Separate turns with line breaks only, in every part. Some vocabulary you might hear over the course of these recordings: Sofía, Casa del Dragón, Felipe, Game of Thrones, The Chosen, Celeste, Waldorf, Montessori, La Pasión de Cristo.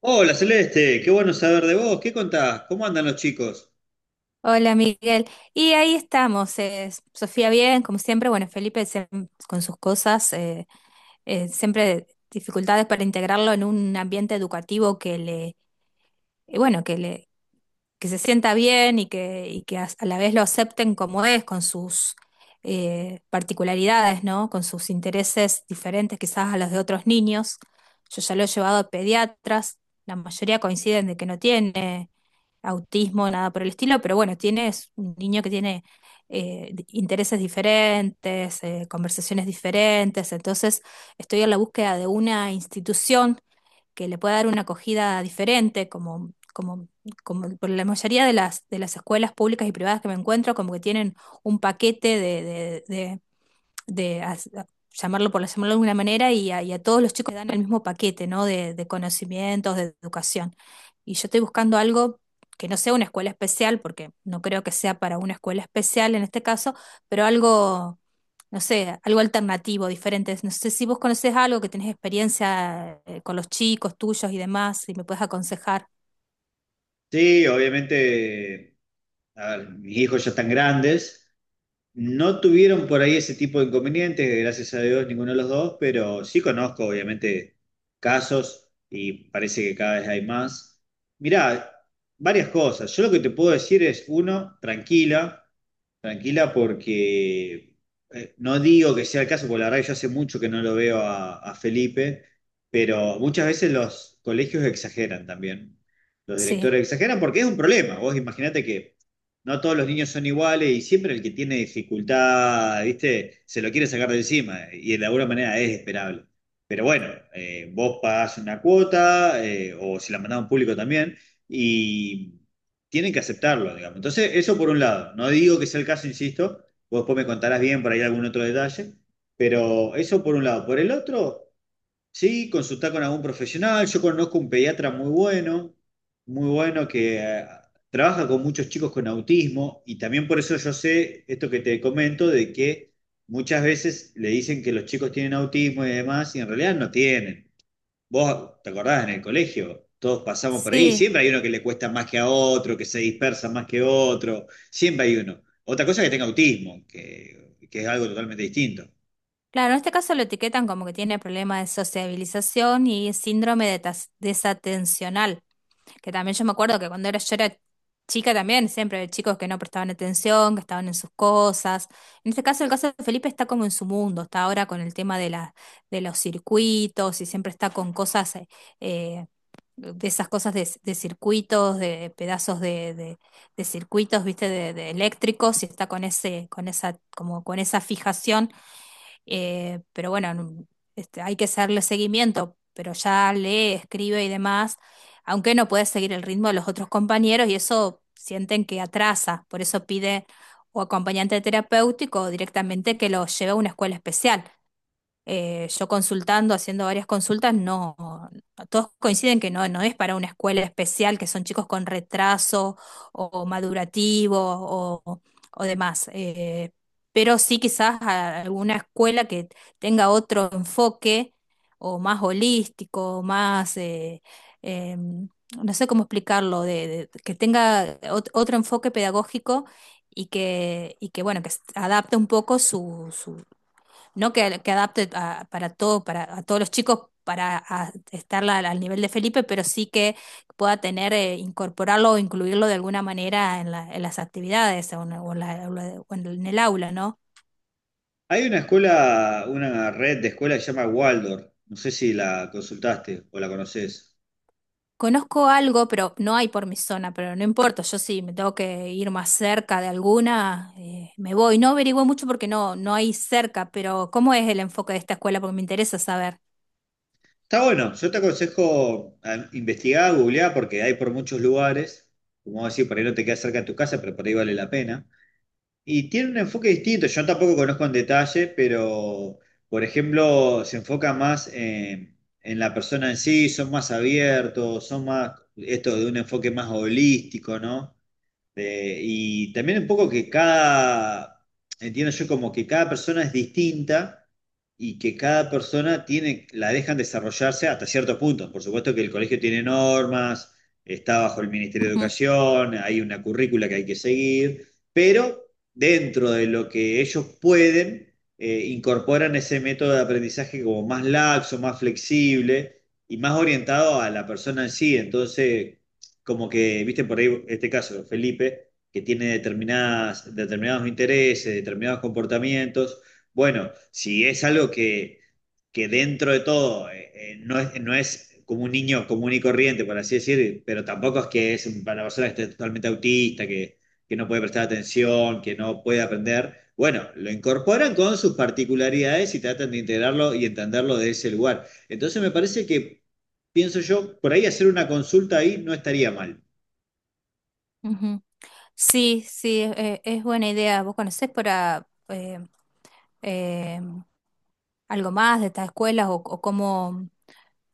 Hola Celeste, qué bueno saber de vos. ¿Qué contás? ¿Cómo andan los chicos?
Hola Miguel, y ahí estamos, Sofía bien, como siempre. Bueno, Felipe con sus cosas. Siempre dificultades para integrarlo en un ambiente educativo bueno, que se sienta bien, y que a la vez lo acepten como es, con sus particularidades, ¿no? Con sus intereses diferentes quizás a los de otros niños. Yo ya lo he llevado a pediatras, la mayoría coinciden de que no tiene autismo, nada por el estilo. Pero bueno, tiene es un niño que tiene intereses diferentes, conversaciones diferentes. Entonces estoy en la búsqueda de una institución que le pueda dar una acogida diferente, como por la mayoría de las escuelas públicas y privadas que me encuentro, como que tienen un paquete de as- a- llamarlo por llamarlo de alguna manera, y a todos los chicos le dan el mismo paquete, ¿no? De conocimientos, de educación. Y yo estoy buscando algo que no sea una escuela especial, porque no creo que sea para una escuela especial en este caso, pero algo, no sé, algo alternativo, diferente. No sé si vos conocés algo, que tenés experiencia con los chicos tuyos y demás, y me puedes aconsejar.
Sí, obviamente, a ver, mis hijos ya están grandes. No tuvieron por ahí ese tipo de inconvenientes, gracias a Dios, ninguno de los dos, pero sí conozco, obviamente, casos y parece que cada vez hay más. Mirá, varias cosas. Yo lo que te puedo decir es, uno, tranquila. Tranquila porque no digo que sea el caso, porque la verdad que yo hace mucho que no lo veo a Felipe, pero muchas veces los colegios exageran también. Los
Sí,
directores exageran porque es un problema. Vos imaginate que no todos los niños son iguales y siempre el que tiene dificultad, ¿viste? Se lo quiere sacar de encima y de alguna manera es esperable. Pero bueno, vos pagás una cuota o si la mandás a un público también y tienen que aceptarlo, digamos. Entonces, eso por un lado. No digo que sea el caso, insisto, vos después me contarás bien por ahí algún otro detalle, pero eso por un lado. Por el otro, sí, consultar con algún profesional. Yo conozco un pediatra muy bueno, muy bueno que trabaja con muchos chicos con autismo y también por eso yo sé esto que te comento de que muchas veces le dicen que los chicos tienen autismo y demás y en realidad no tienen. Vos, ¿te acordás en el colegio? Todos pasamos por ahí.
sí.
Siempre hay uno que le cuesta más que a otro, que se dispersa más que otro. Siempre hay uno. Otra cosa es que tenga autismo, que es algo totalmente distinto.
Claro, en este caso lo etiquetan como que tiene problemas de sociabilización y síndrome de desatencional, que también yo me acuerdo que yo era chica también. Siempre había chicos que no prestaban atención, que estaban en sus cosas. En este caso, el caso de Felipe está como en su mundo. Está ahora con el tema de de los circuitos, y siempre está con cosas, eh, de esas cosas de circuitos, de pedazos de circuitos, viste, de eléctricos. Y está con ese, como con esa fijación. Pero bueno, este, hay que hacerle seguimiento. Pero ya lee, escribe y demás, aunque no puede seguir el ritmo de los otros compañeros, y eso sienten que atrasa. Por eso pide o acompañante terapéutico, o directamente que lo lleve a una escuela especial. Yo consultando, haciendo varias consultas, no, todos coinciden que no, no es para una escuela especial, que son chicos con retraso o madurativo, o, o demás. Pero sí, quizás alguna escuela que tenga otro enfoque, o más holístico, o más, eh, no sé cómo explicarlo, que tenga otro enfoque pedagógico. Y que, y que bueno, que adapte un poco, no que, que adapte para todo, para a todos los chicos, para estar al nivel de Felipe, pero sí que pueda tener, incorporarlo o incluirlo de alguna manera en las actividades, o en la- o en el aula, ¿no?
Hay una escuela, una red de escuelas que se llama Waldorf. No sé si la consultaste o la conoces.
Conozco algo, pero no hay por mi zona. Pero no importa, yo sí me tengo que ir más cerca de alguna, me voy. No averigüé mucho porque no, no hay cerca. Pero ¿cómo es el enfoque de esta escuela? Porque me interesa saber.
Está bueno. Yo te aconsejo a investigar, googlear, porque hay por muchos lugares. Como vos decís, por ahí no te queda cerca de tu casa, pero por ahí vale la pena. Y tiene un enfoque distinto, yo tampoco conozco en detalle, pero por ejemplo se enfoca más en la persona en sí, son más abiertos, esto de un enfoque más holístico, ¿no? Y también un poco que entiendo yo como que cada persona es distinta y que cada persona tiene, la dejan desarrollarse hasta cierto punto. Por supuesto que el colegio tiene normas, está bajo el Ministerio de
Ujú.
Educación, hay una currícula que hay que seguir, pero dentro de lo que ellos pueden, incorporan ese método de aprendizaje como más laxo, más flexible y más orientado a la persona en sí. Entonces como que, viste, por ahí este caso, Felipe, que tiene determinados intereses, determinados comportamientos. Bueno, si es algo que dentro de todo no es, no es como un niño común y corriente, por así decir, pero tampoco es que es una persona que esté totalmente autista, que no puede prestar atención, que no puede aprender. Bueno, lo incorporan con sus particularidades y tratan de integrarlo y entenderlo de ese lugar. Entonces me parece que, pienso yo, por ahí hacer una consulta ahí no estaría mal.
Ujú. Sí, sí, es buena idea. ¿Vos conocés eh, algo más de estas escuelas, o cómo?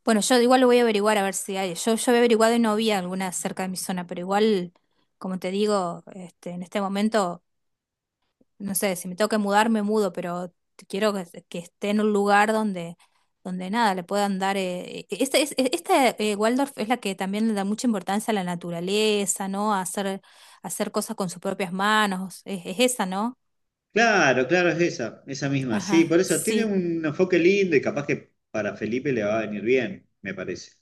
Bueno, yo igual lo voy a averiguar, a ver si hay. Yo había averiguado y no había alguna cerca de mi zona, pero igual, como te digo, este, en este momento, no sé, si me tengo que mudar, me mudo. Pero quiero que esté en un lugar donde nada, le puedan dar... esta, Waldorf, es la que también le da mucha importancia a la naturaleza, ¿no? A hacer cosas con sus propias manos, es esa, ¿no?
Claro, claro, es esa, esa misma. Sí, por
Ajá,
eso tiene
sí.
un enfoque lindo y capaz que para Felipe le va a venir bien, me parece.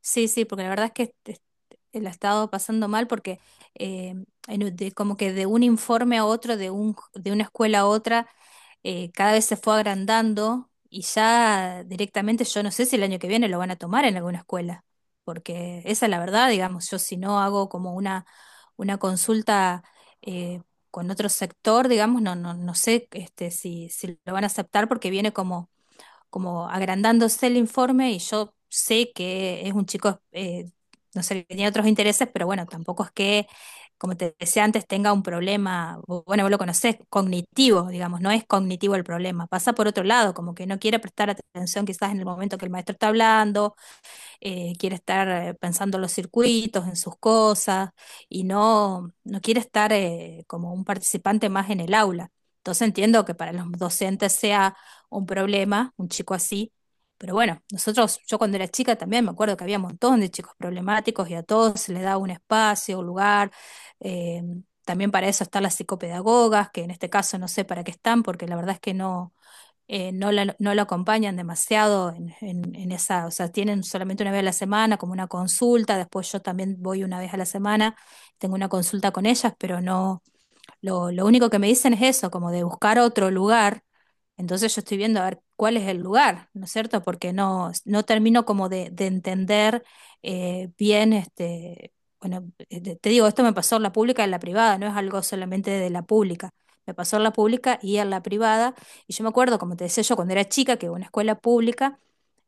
Sí, sí, porque la verdad es que este, la he estado pasando mal porque eh, como que de un informe a otro, de una escuela a otra, cada vez se fue agrandando, y ya directamente yo no sé si el año que viene lo van a tomar en alguna escuela, porque esa es la verdad, digamos. Yo, si no hago como una consulta eh, con otro sector, digamos, no, no, no sé este, si lo van a aceptar, porque viene como agrandándose el informe. Y yo sé que es un chico, no sé, que tiene otros intereses, pero bueno, tampoco es que, como te decía antes, tenga un problema. O bueno, vos lo conocés, cognitivo, digamos. No es cognitivo el problema, pasa por otro lado, como que no quiere prestar atención quizás en el momento que el maestro está hablando. Quiere estar pensando los circuitos, en sus cosas, y no quiere estar como un participante más en el aula. Entonces entiendo que para los docentes sea un problema un chico así. Pero bueno, nosotros, yo cuando era chica también me acuerdo que había un montón de chicos problemáticos y a todos se les daba un espacio, un lugar. eh, También para eso están las psicopedagogas, que en este caso no sé para qué están, porque la verdad es que no. No lo acompañan demasiado en esa, o sea, tienen solamente una vez a la semana como una consulta. Después yo también voy una vez a la semana, tengo una consulta con ellas, pero no, lo lo único que me dicen es eso, como de buscar otro lugar. Entonces yo estoy viendo a ver cuál es el lugar, ¿no es cierto? Porque no, no termino como de entender bien, este, bueno, te te digo, esto me pasó en la pública y en la privada, no es algo solamente de la pública. Me pasó en la pública y en la privada. Y yo me acuerdo, como te decía yo, cuando era chica, que iba a una escuela pública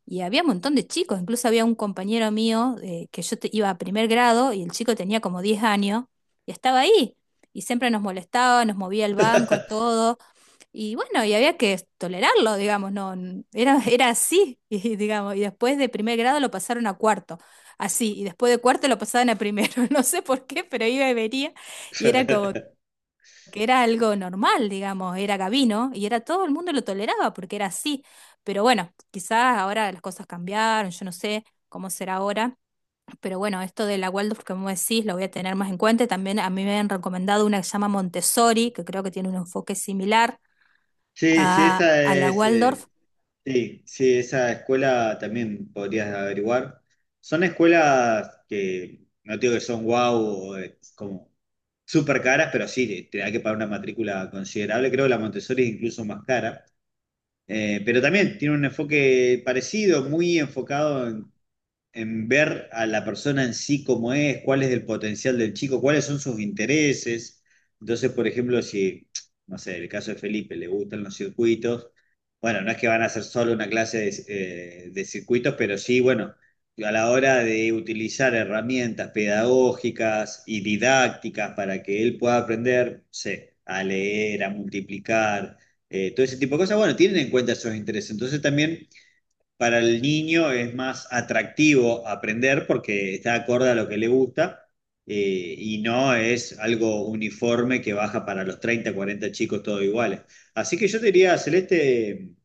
y había un montón de chicos. Incluso había un compañero mío, que yo iba a primer grado y el chico tenía como 10 años y estaba ahí. Y siempre nos molestaba, nos movía el banco, todo. Y bueno, y había que tolerarlo, digamos. No, era así, y, digamos. Y después de primer grado lo pasaron a cuarto, así. Y después de cuarto lo pasaban a primero. No sé por qué, pero iba y venía. Y era como que era algo normal, digamos, era Gabino y era todo el mundo lo toleraba porque era así. Pero bueno, quizás ahora las cosas cambiaron, yo no sé cómo será ahora. Pero bueno, esto de la Waldorf, como decís, lo voy a tener más en cuenta. Y también a mí me han recomendado una que se llama Montessori, que creo que tiene un enfoque similar
Sí, sí, esa
a la
es.
Waldorf.
Sí, sí, esa escuela también podrías averiguar. Son escuelas que no digo que son guau o como súper caras, pero sí, te da que pagar una matrícula considerable. Creo que la Montessori es incluso más cara. Pero también tiene un enfoque parecido, muy enfocado en ver a la persona en sí cómo es, cuál es el potencial del chico, cuáles son sus intereses. Entonces, por ejemplo, no sé, el caso de Felipe, le gustan los circuitos, bueno, no es que van a hacer solo una clase de circuitos, pero sí, bueno, a la hora de utilizar herramientas pedagógicas y didácticas para que él pueda aprender, no sé, a leer, a multiplicar, todo ese tipo de cosas, bueno, tienen en cuenta esos intereses. Entonces también para el niño es más atractivo aprender porque está acorde a lo que le gusta y no es algo uniforme que baja para los 30, 40 chicos todos iguales. Así que yo te diría, Celeste,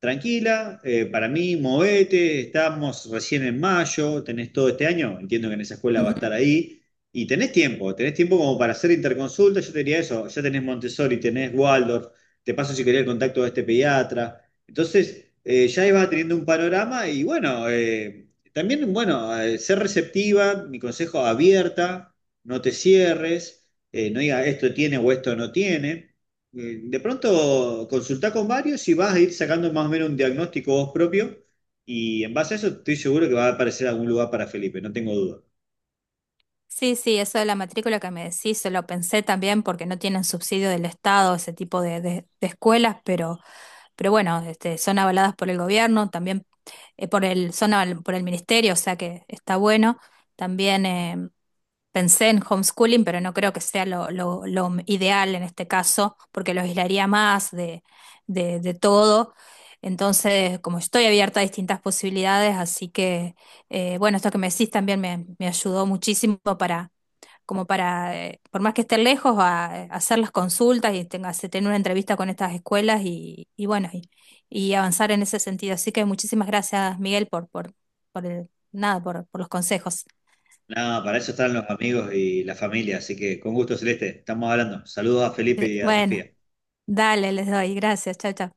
tranquila, para mí, movete, estamos recién en mayo, tenés todo este año, entiendo que en esa escuela va a estar ahí. Y tenés tiempo como para hacer interconsulta, yo te diría eso, ya tenés Montessori, tenés Waldorf, te paso si querés el contacto de este pediatra, entonces, ya ibas teniendo un panorama y bueno, también, bueno, ser receptiva, mi consejo, abierta, no te cierres, no digas esto tiene o esto no tiene. De pronto, consultá con varios y vas a ir sacando más o menos un diagnóstico vos propio y en base a eso estoy seguro que va a aparecer algún lugar para Felipe, no tengo duda.
Sí, sí, eso de la matrícula que me decís, se lo pensé también porque no tienen subsidio del Estado ese tipo de escuelas. Pero bueno, este, son avaladas por el gobierno también, por el ministerio, o sea que está bueno. También pensé en homeschooling, pero no creo que sea lo ideal en este caso, porque lo aislaría más de todo. Entonces, como estoy abierta a distintas posibilidades, así que... Bueno, esto que me decís también me ayudó muchísimo para, como para, por más que esté lejos, a hacer las consultas, y tener una entrevista con estas escuelas. Y bueno, y avanzar en ese sentido. Así que muchísimas gracias, Miguel, nada, por los consejos.
Nada, para eso están los amigos y la familia, así que con gusto, Celeste, estamos hablando. Saludos a Felipe y a
Bueno,
Sofía.
dale, les doy. Gracias. Chao, chao.